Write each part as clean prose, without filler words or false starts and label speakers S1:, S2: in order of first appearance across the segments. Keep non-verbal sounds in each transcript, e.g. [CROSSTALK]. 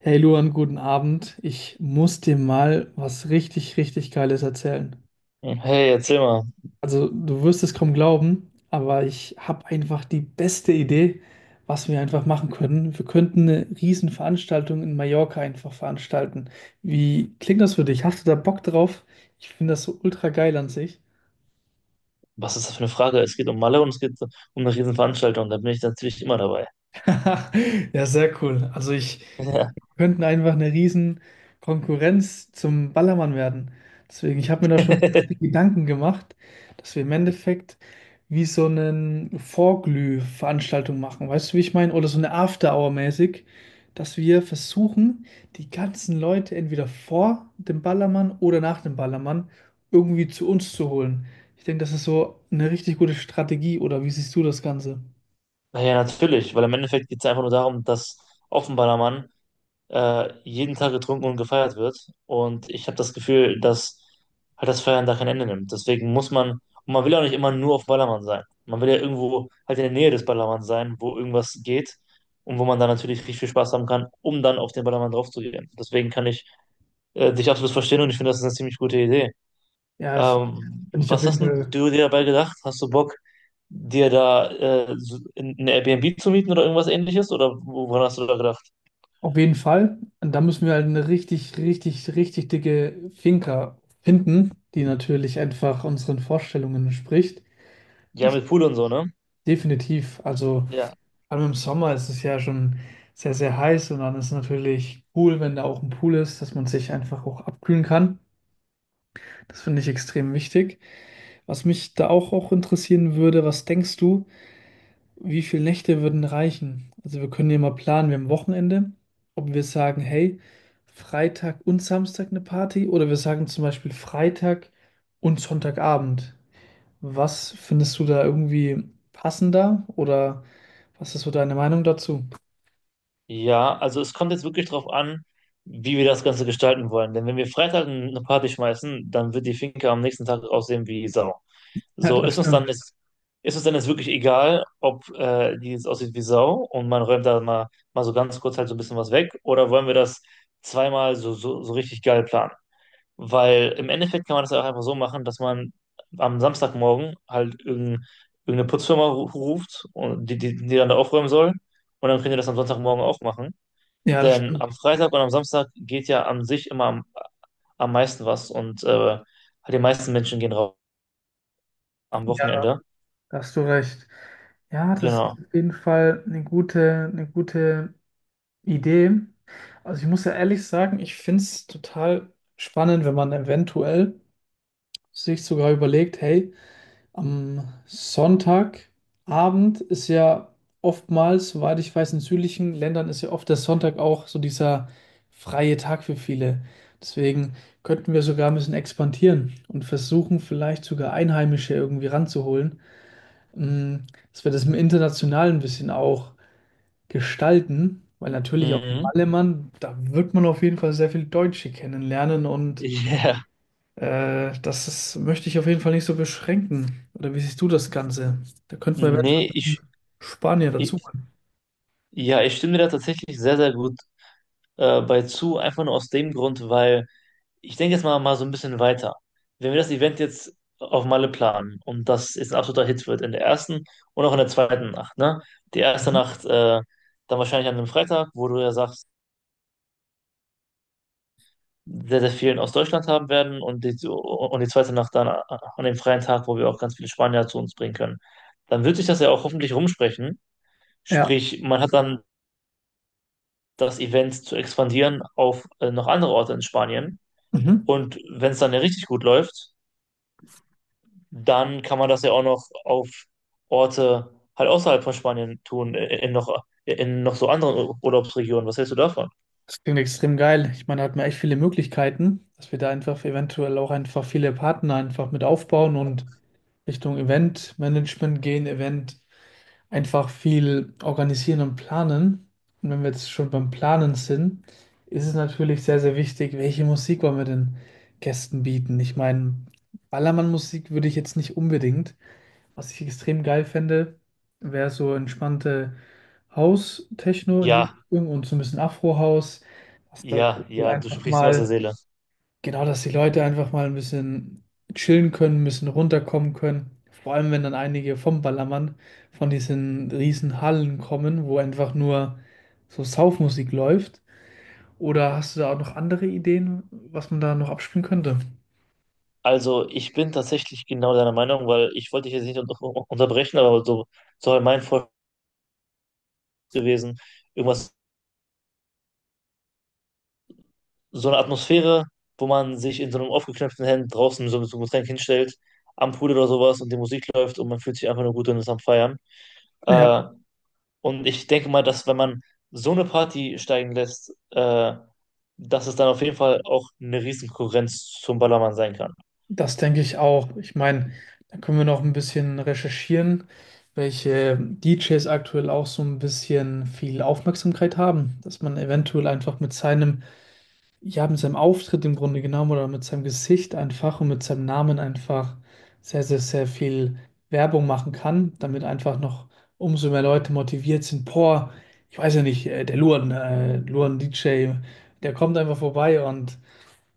S1: Hey Luan, guten Abend. Ich muss dir mal was richtig, richtig Geiles erzählen.
S2: Hey, erzähl mal,
S1: Also, du wirst es kaum glauben, aber ich habe einfach die beste Idee, was wir einfach machen können. Wir könnten eine Riesenveranstaltung in Mallorca einfach veranstalten. Wie klingt das für dich? Hast du da Bock drauf? Ich finde das so ultra geil an sich.
S2: was ist das für eine Frage? Es geht um Malle und es geht um eine Riesenveranstaltung. Da bin ich natürlich immer dabei.
S1: [LAUGHS] Ja, sehr cool. Also ich
S2: [LAUGHS] Ja.
S1: wir könnten einfach eine riesen Konkurrenz zum Ballermann werden. Deswegen, ich habe mir da schon
S2: [LAUGHS]
S1: Gedanken gemacht, dass wir im Endeffekt wie so eine Vorglüh-Veranstaltung machen. Weißt du, wie ich meine? Oder so eine After-Hour-mäßig, dass wir versuchen, die ganzen Leute entweder vor dem Ballermann oder nach dem Ballermann irgendwie zu uns zu holen. Ich denke, das ist so eine richtig gute Strategie. Oder wie siehst du das Ganze?
S2: Naja, natürlich, weil im Endeffekt geht es einfach nur darum, dass auf dem Ballermann jeden Tag getrunken und gefeiert wird. Und ich habe das Gefühl, dass halt das Feiern da kein Ende nimmt. Deswegen muss man, und man will ja auch nicht immer nur auf Ballermann sein. Man will ja irgendwo halt in der Nähe des Ballermanns sein, wo irgendwas geht und wo man dann natürlich richtig viel Spaß haben kann, um dann auf den Ballermann draufzugehen. Deswegen kann ich dich absolut verstehen und ich finde, das ist eine ziemlich gute Idee.
S1: Ja, bin ich auf
S2: Was
S1: jeden
S2: hast denn
S1: Fall.
S2: du dir dabei gedacht? Hast du Bock, dir da so eine Airbnb zu mieten oder irgendwas ähnliches? Oder woran hast du da gedacht?
S1: Auf jeden Fall. Und da müssen wir halt eine richtig, richtig, richtig dicke Finca finden, die natürlich einfach unseren Vorstellungen entspricht.
S2: Ja,
S1: Ich
S2: mit Pool und so, ne?
S1: definitiv, also
S2: Ja.
S1: vor allem im Sommer ist es ja schon sehr, sehr heiß und dann ist es natürlich cool, wenn da auch ein Pool ist, dass man sich einfach auch abkühlen kann. Das finde ich extrem wichtig. Was mich da auch interessieren würde, was denkst du? Wie viele Nächte würden reichen? Also wir können ja mal planen, wir haben Wochenende, ob wir sagen, hey, Freitag und Samstag eine Party oder wir sagen zum Beispiel Freitag und Sonntagabend. Was findest du da irgendwie passender oder was ist so deine Meinung dazu?
S2: Ja, also es kommt jetzt wirklich drauf an, wie wir das Ganze gestalten wollen. Denn wenn wir Freitag eine Party schmeißen, dann wird die Finca am nächsten Tag aussehen wie Sau.
S1: Ja,
S2: So
S1: das
S2: ist uns dann
S1: stimmt.
S2: jetzt, ist uns dann jetzt wirklich egal, ob die jetzt aussieht wie Sau und man räumt da mal so ganz kurz halt so ein bisschen was weg, oder wollen wir das zweimal so richtig geil planen? Weil im Endeffekt kann man das ja auch einfach so machen, dass man am Samstagmorgen halt irgendeine Putzfirma ruft, und die dann da aufräumen soll. Und dann könnt ihr das am Sonntagmorgen auch machen.
S1: Ja, das
S2: Denn
S1: stimmt.
S2: am Freitag und am Samstag geht ja an sich immer am meisten was, und halt die meisten Menschen gehen raus am
S1: Ja,
S2: Wochenende.
S1: da hast du recht. Ja, das ist
S2: Genau.
S1: auf jeden Fall eine gute Idee. Also ich muss ja ehrlich sagen, ich finde es total spannend, wenn man eventuell sich sogar überlegt, hey, am Sonntagabend ist ja oftmals, soweit ich weiß, in südlichen Ländern ist ja oft der Sonntag auch so dieser freie Tag für viele. Deswegen könnten wir sogar ein bisschen expandieren und versuchen, vielleicht sogar Einheimische irgendwie ranzuholen, dass wir das im Internationalen ein bisschen auch gestalten, weil natürlich auch in
S2: Mhm.
S1: Ballermann, da wird man auf jeden Fall sehr viel Deutsche kennenlernen
S2: [LAUGHS]
S1: und
S2: Yeah.
S1: möchte ich auf jeden Fall nicht so beschränken. Oder wie siehst du das Ganze? Da könnten wir eventuell
S2: Nee,
S1: einen
S2: ich,
S1: Spanier dazu
S2: ich,
S1: machen.
S2: ja, ich stimme dir da tatsächlich sehr, sehr gut bei zu. Einfach nur aus dem Grund, weil ich denke jetzt mal so ein bisschen weiter. Wenn wir das Event jetzt auf Malle planen und das jetzt ein absoluter Hit wird in der ersten und auch in der zweiten Nacht, ne? Die erste Nacht dann wahrscheinlich an einem Freitag, wo du ja sagst, sehr, sehr vielen aus Deutschland haben werden, und die zweite Nacht dann an dem freien Tag, wo wir auch ganz viele Spanier zu uns bringen können. Dann wird sich das ja auch hoffentlich rumsprechen.
S1: Ja.
S2: Sprich, man hat dann das Event zu expandieren auf noch andere Orte in Spanien.
S1: Mhm.
S2: Und wenn es dann ja richtig gut läuft, dann kann man das ja auch noch auf Orte halt außerhalb von Spanien tun, in noch so anderen Urlaubsregionen. Was hältst du davon?
S1: Das klingt extrem geil. Ich meine, da hat man echt viele Möglichkeiten, dass wir da einfach eventuell auch einfach viele Partner einfach mit aufbauen und Richtung Eventmanagement gehen, Event. Einfach viel organisieren und planen. Und wenn wir jetzt schon beim Planen sind, ist es natürlich sehr, sehr wichtig, welche Musik wollen wir den Gästen bieten. Ich meine, Ballermann-Musik würde ich jetzt nicht unbedingt. Was ich extrem geil fände, wäre so entspannte House-Techno in die
S2: Ja,
S1: Richtung und so ein bisschen Afro-House, was da wohl
S2: ja, du
S1: einfach
S2: sprichst mir aus der
S1: mal.
S2: Seele.
S1: Genau, dass die Leute einfach mal ein bisschen chillen können, ein bisschen runterkommen können. Vor allem, wenn dann einige vom Ballermann von diesen riesen Hallen kommen, wo einfach nur so Saufmusik läuft. Oder hast du da auch noch andere Ideen, was man da noch abspielen könnte?
S2: Also ich bin tatsächlich genau deiner Meinung, weil ich wollte dich jetzt nicht unterbrechen, aber so halt mein Vorschlag gewesen, irgendwas, so eine Atmosphäre, wo man sich in so einem aufgeknöpften Hemd draußen so mit so einem Getränk hinstellt, am Pool oder sowas, und die Musik läuft und man fühlt sich einfach nur gut und ist am Feiern.
S1: Ja,
S2: Äh, Und ich denke mal, dass wenn man so eine Party steigen lässt, dass es dann auf jeden Fall auch eine Riesenkonkurrenz zum Ballermann sein kann.
S1: das denke ich auch. Ich meine, da können wir noch ein bisschen recherchieren, welche DJs aktuell auch so ein bisschen viel Aufmerksamkeit haben, dass man eventuell einfach mit seinem Ja, mit seinem Auftritt im Grunde genommen oder mit seinem Gesicht einfach und mit seinem Namen einfach sehr, sehr, sehr viel Werbung machen kann, damit einfach noch umso mehr Leute motiviert sind. Boah, ich weiß ja nicht, Luan DJ, der kommt einfach vorbei und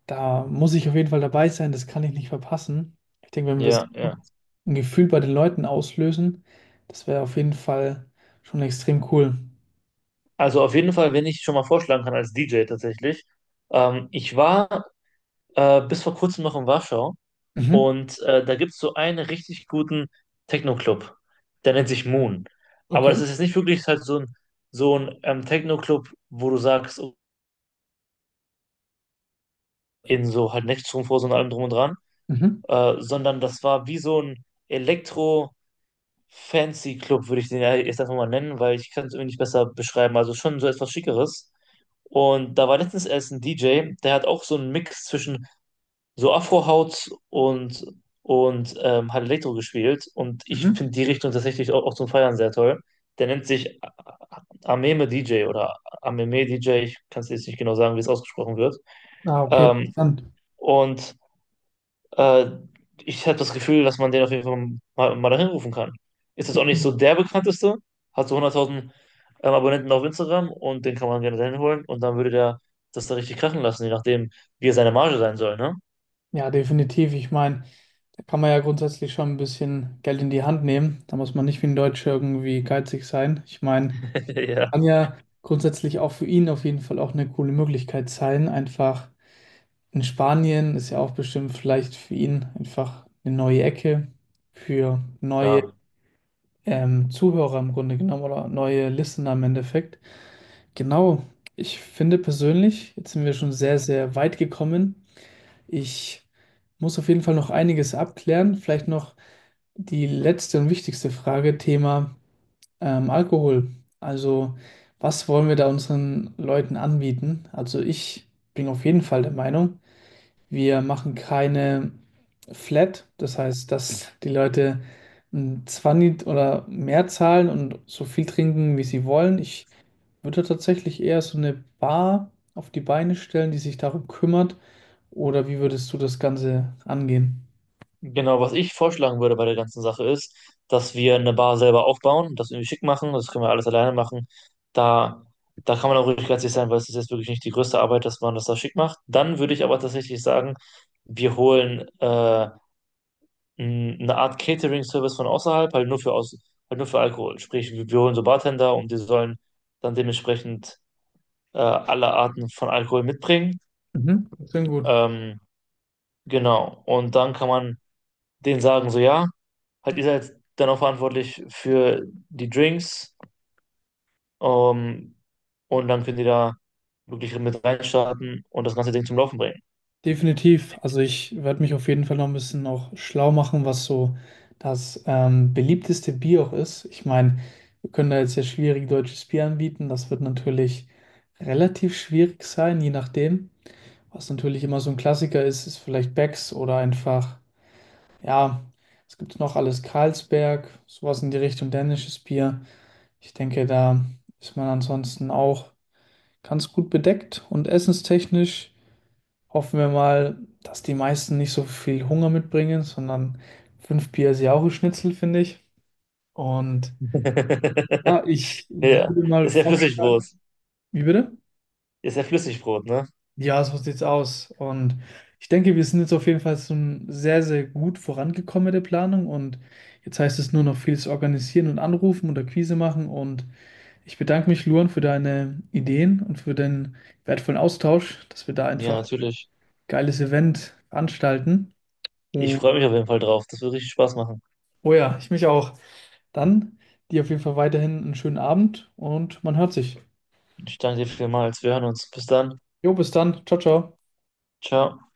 S1: da muss ich auf jeden Fall dabei sein, das kann ich nicht verpassen. Ich denke, wenn wir so
S2: Ja, ja.
S1: ein Gefühl bei den Leuten auslösen, das wäre auf jeden Fall schon extrem cool.
S2: Also auf jeden Fall, wenn ich schon mal vorschlagen kann als DJ tatsächlich. Ich war bis vor kurzem noch in Warschau,
S1: Mhm.
S2: und da gibt es so einen richtig guten Techno-Club. Der nennt sich Moon. Aber das
S1: Okay.
S2: ist jetzt nicht wirklich halt so ein Techno-Club, wo du sagst, oh, in so halt Nextroom vor so und allem drum und dran.
S1: Mhm.
S2: Sondern das war wie so ein Elektro-Fancy-Club, würde ich den ja jetzt einfach mal nennen, weil ich kann es irgendwie nicht besser beschreiben. Also schon so etwas Schickeres. Und da war letztens erst ein DJ, der hat auch so einen Mix zwischen so afro haut und hat Elektro gespielt. Und ich
S1: Mhm.
S2: finde die Richtung tatsächlich auch, auch zum Feiern sehr toll. Der nennt sich Ameme DJ oder Ameme DJ. Ich kann es jetzt nicht genau sagen, wie es ausgesprochen wird.
S1: Ah, okay,
S2: Ähm,
S1: interessant.
S2: und äh, ich habe das Gefühl, dass man den auf jeden Fall mal dahin rufen kann. Ist jetzt auch nicht so der bekannteste, hat so 100.000 Abonnenten auf Instagram, und den kann man gerne dahin holen und dann würde der das da richtig krachen lassen, je nachdem, wie er seine Marge sein soll, ne?
S1: Ja, definitiv. Ich meine, da kann man ja grundsätzlich schon ein bisschen Geld in die Hand nehmen. Da muss man nicht wie ein Deutscher irgendwie geizig sein. Ich meine,
S2: [LAUGHS] Ja.
S1: kann ja grundsätzlich auch für ihn auf jeden Fall auch eine coole Möglichkeit sein. Einfach in Spanien ist ja auch bestimmt vielleicht für ihn einfach eine neue Ecke für neue
S2: Klar.
S1: Zuhörer im Grunde genommen oder neue Listener im Endeffekt. Genau. Ich finde persönlich, jetzt sind wir schon sehr, sehr weit gekommen. Ich muss auf jeden Fall noch einiges abklären. Vielleicht noch die letzte und wichtigste Frage, Thema Alkohol. Also, was wollen wir da unseren Leuten anbieten? Also, ich bin auf jeden Fall der Meinung, wir machen keine Flat. Das heißt, dass die Leute ein 20 oder mehr zahlen und so viel trinken, wie sie wollen. Ich würde tatsächlich eher so eine Bar auf die Beine stellen, die sich darum kümmert oder wie würdest du das Ganze angehen?
S2: Genau, was ich vorschlagen würde bei der ganzen Sache ist, dass wir eine Bar selber aufbauen, das irgendwie schick machen, das können wir alles alleine machen. Da, da kann man auch ruhig ganz sicher sein, weil es ist jetzt wirklich nicht die größte Arbeit, dass man das da schick macht. Dann würde ich aber tatsächlich sagen, wir holen eine Art Catering-Service von außerhalb, halt halt nur für Alkohol. Sprich, wir holen so Bartender und die sollen dann dementsprechend alle Arten von Alkohol mitbringen.
S1: Mhm. Klingt gut.
S2: Ähm, genau. Und dann kann man denen sagen, so ja, halt ihr seid dann auch verantwortlich für die Drinks. Ähm, und dann können die da wirklich mit reinstarten und das ganze Ding zum Laufen bringen.
S1: Definitiv. Also ich werde mich auf jeden Fall noch ein bisschen noch schlau machen, was so das beliebteste Bier auch ist. Ich meine, wir können da jetzt ja schwierig deutsches Bier anbieten. Das wird natürlich relativ schwierig sein, je nachdem. Was natürlich immer so ein Klassiker ist, ist vielleicht Becks oder einfach, ja, es gibt noch alles Carlsberg, sowas in die Richtung dänisches Bier. Ich denke, da ist man ansonsten auch ganz gut bedeckt und essenstechnisch hoffen wir mal, dass die meisten nicht so viel Hunger mitbringen, sondern fünf Bier ist ja auch ein Schnitzel, finde ich. Und
S2: [LAUGHS]
S1: ja, ich
S2: Ja,
S1: würde mal
S2: ist ja Flüssigbrot.
S1: vorschlagen, wie bitte?
S2: Ist ja Flüssigbrot, ne?
S1: Ja, so sieht's aus. Und ich denke, wir sind jetzt auf jeden Fall schon sehr, sehr gut vorangekommen mit der Planung. Und jetzt heißt es nur noch vieles organisieren und anrufen oder Quise machen. Und ich bedanke mich, Luan, für deine Ideen und für den wertvollen Austausch, dass wir da
S2: Ja,
S1: einfach
S2: natürlich.
S1: geiles Event veranstalten.
S2: Ich
S1: Und,
S2: freue mich auf jeden Fall drauf. Das wird richtig Spaß machen.
S1: oh ja, ich mich auch. Dann dir auf jeden Fall weiterhin einen schönen Abend und man hört sich.
S2: Ich danke dir vielmals. Wir hören uns. Bis dann.
S1: Jo, bis dann. Ciao, ciao.
S2: Ciao.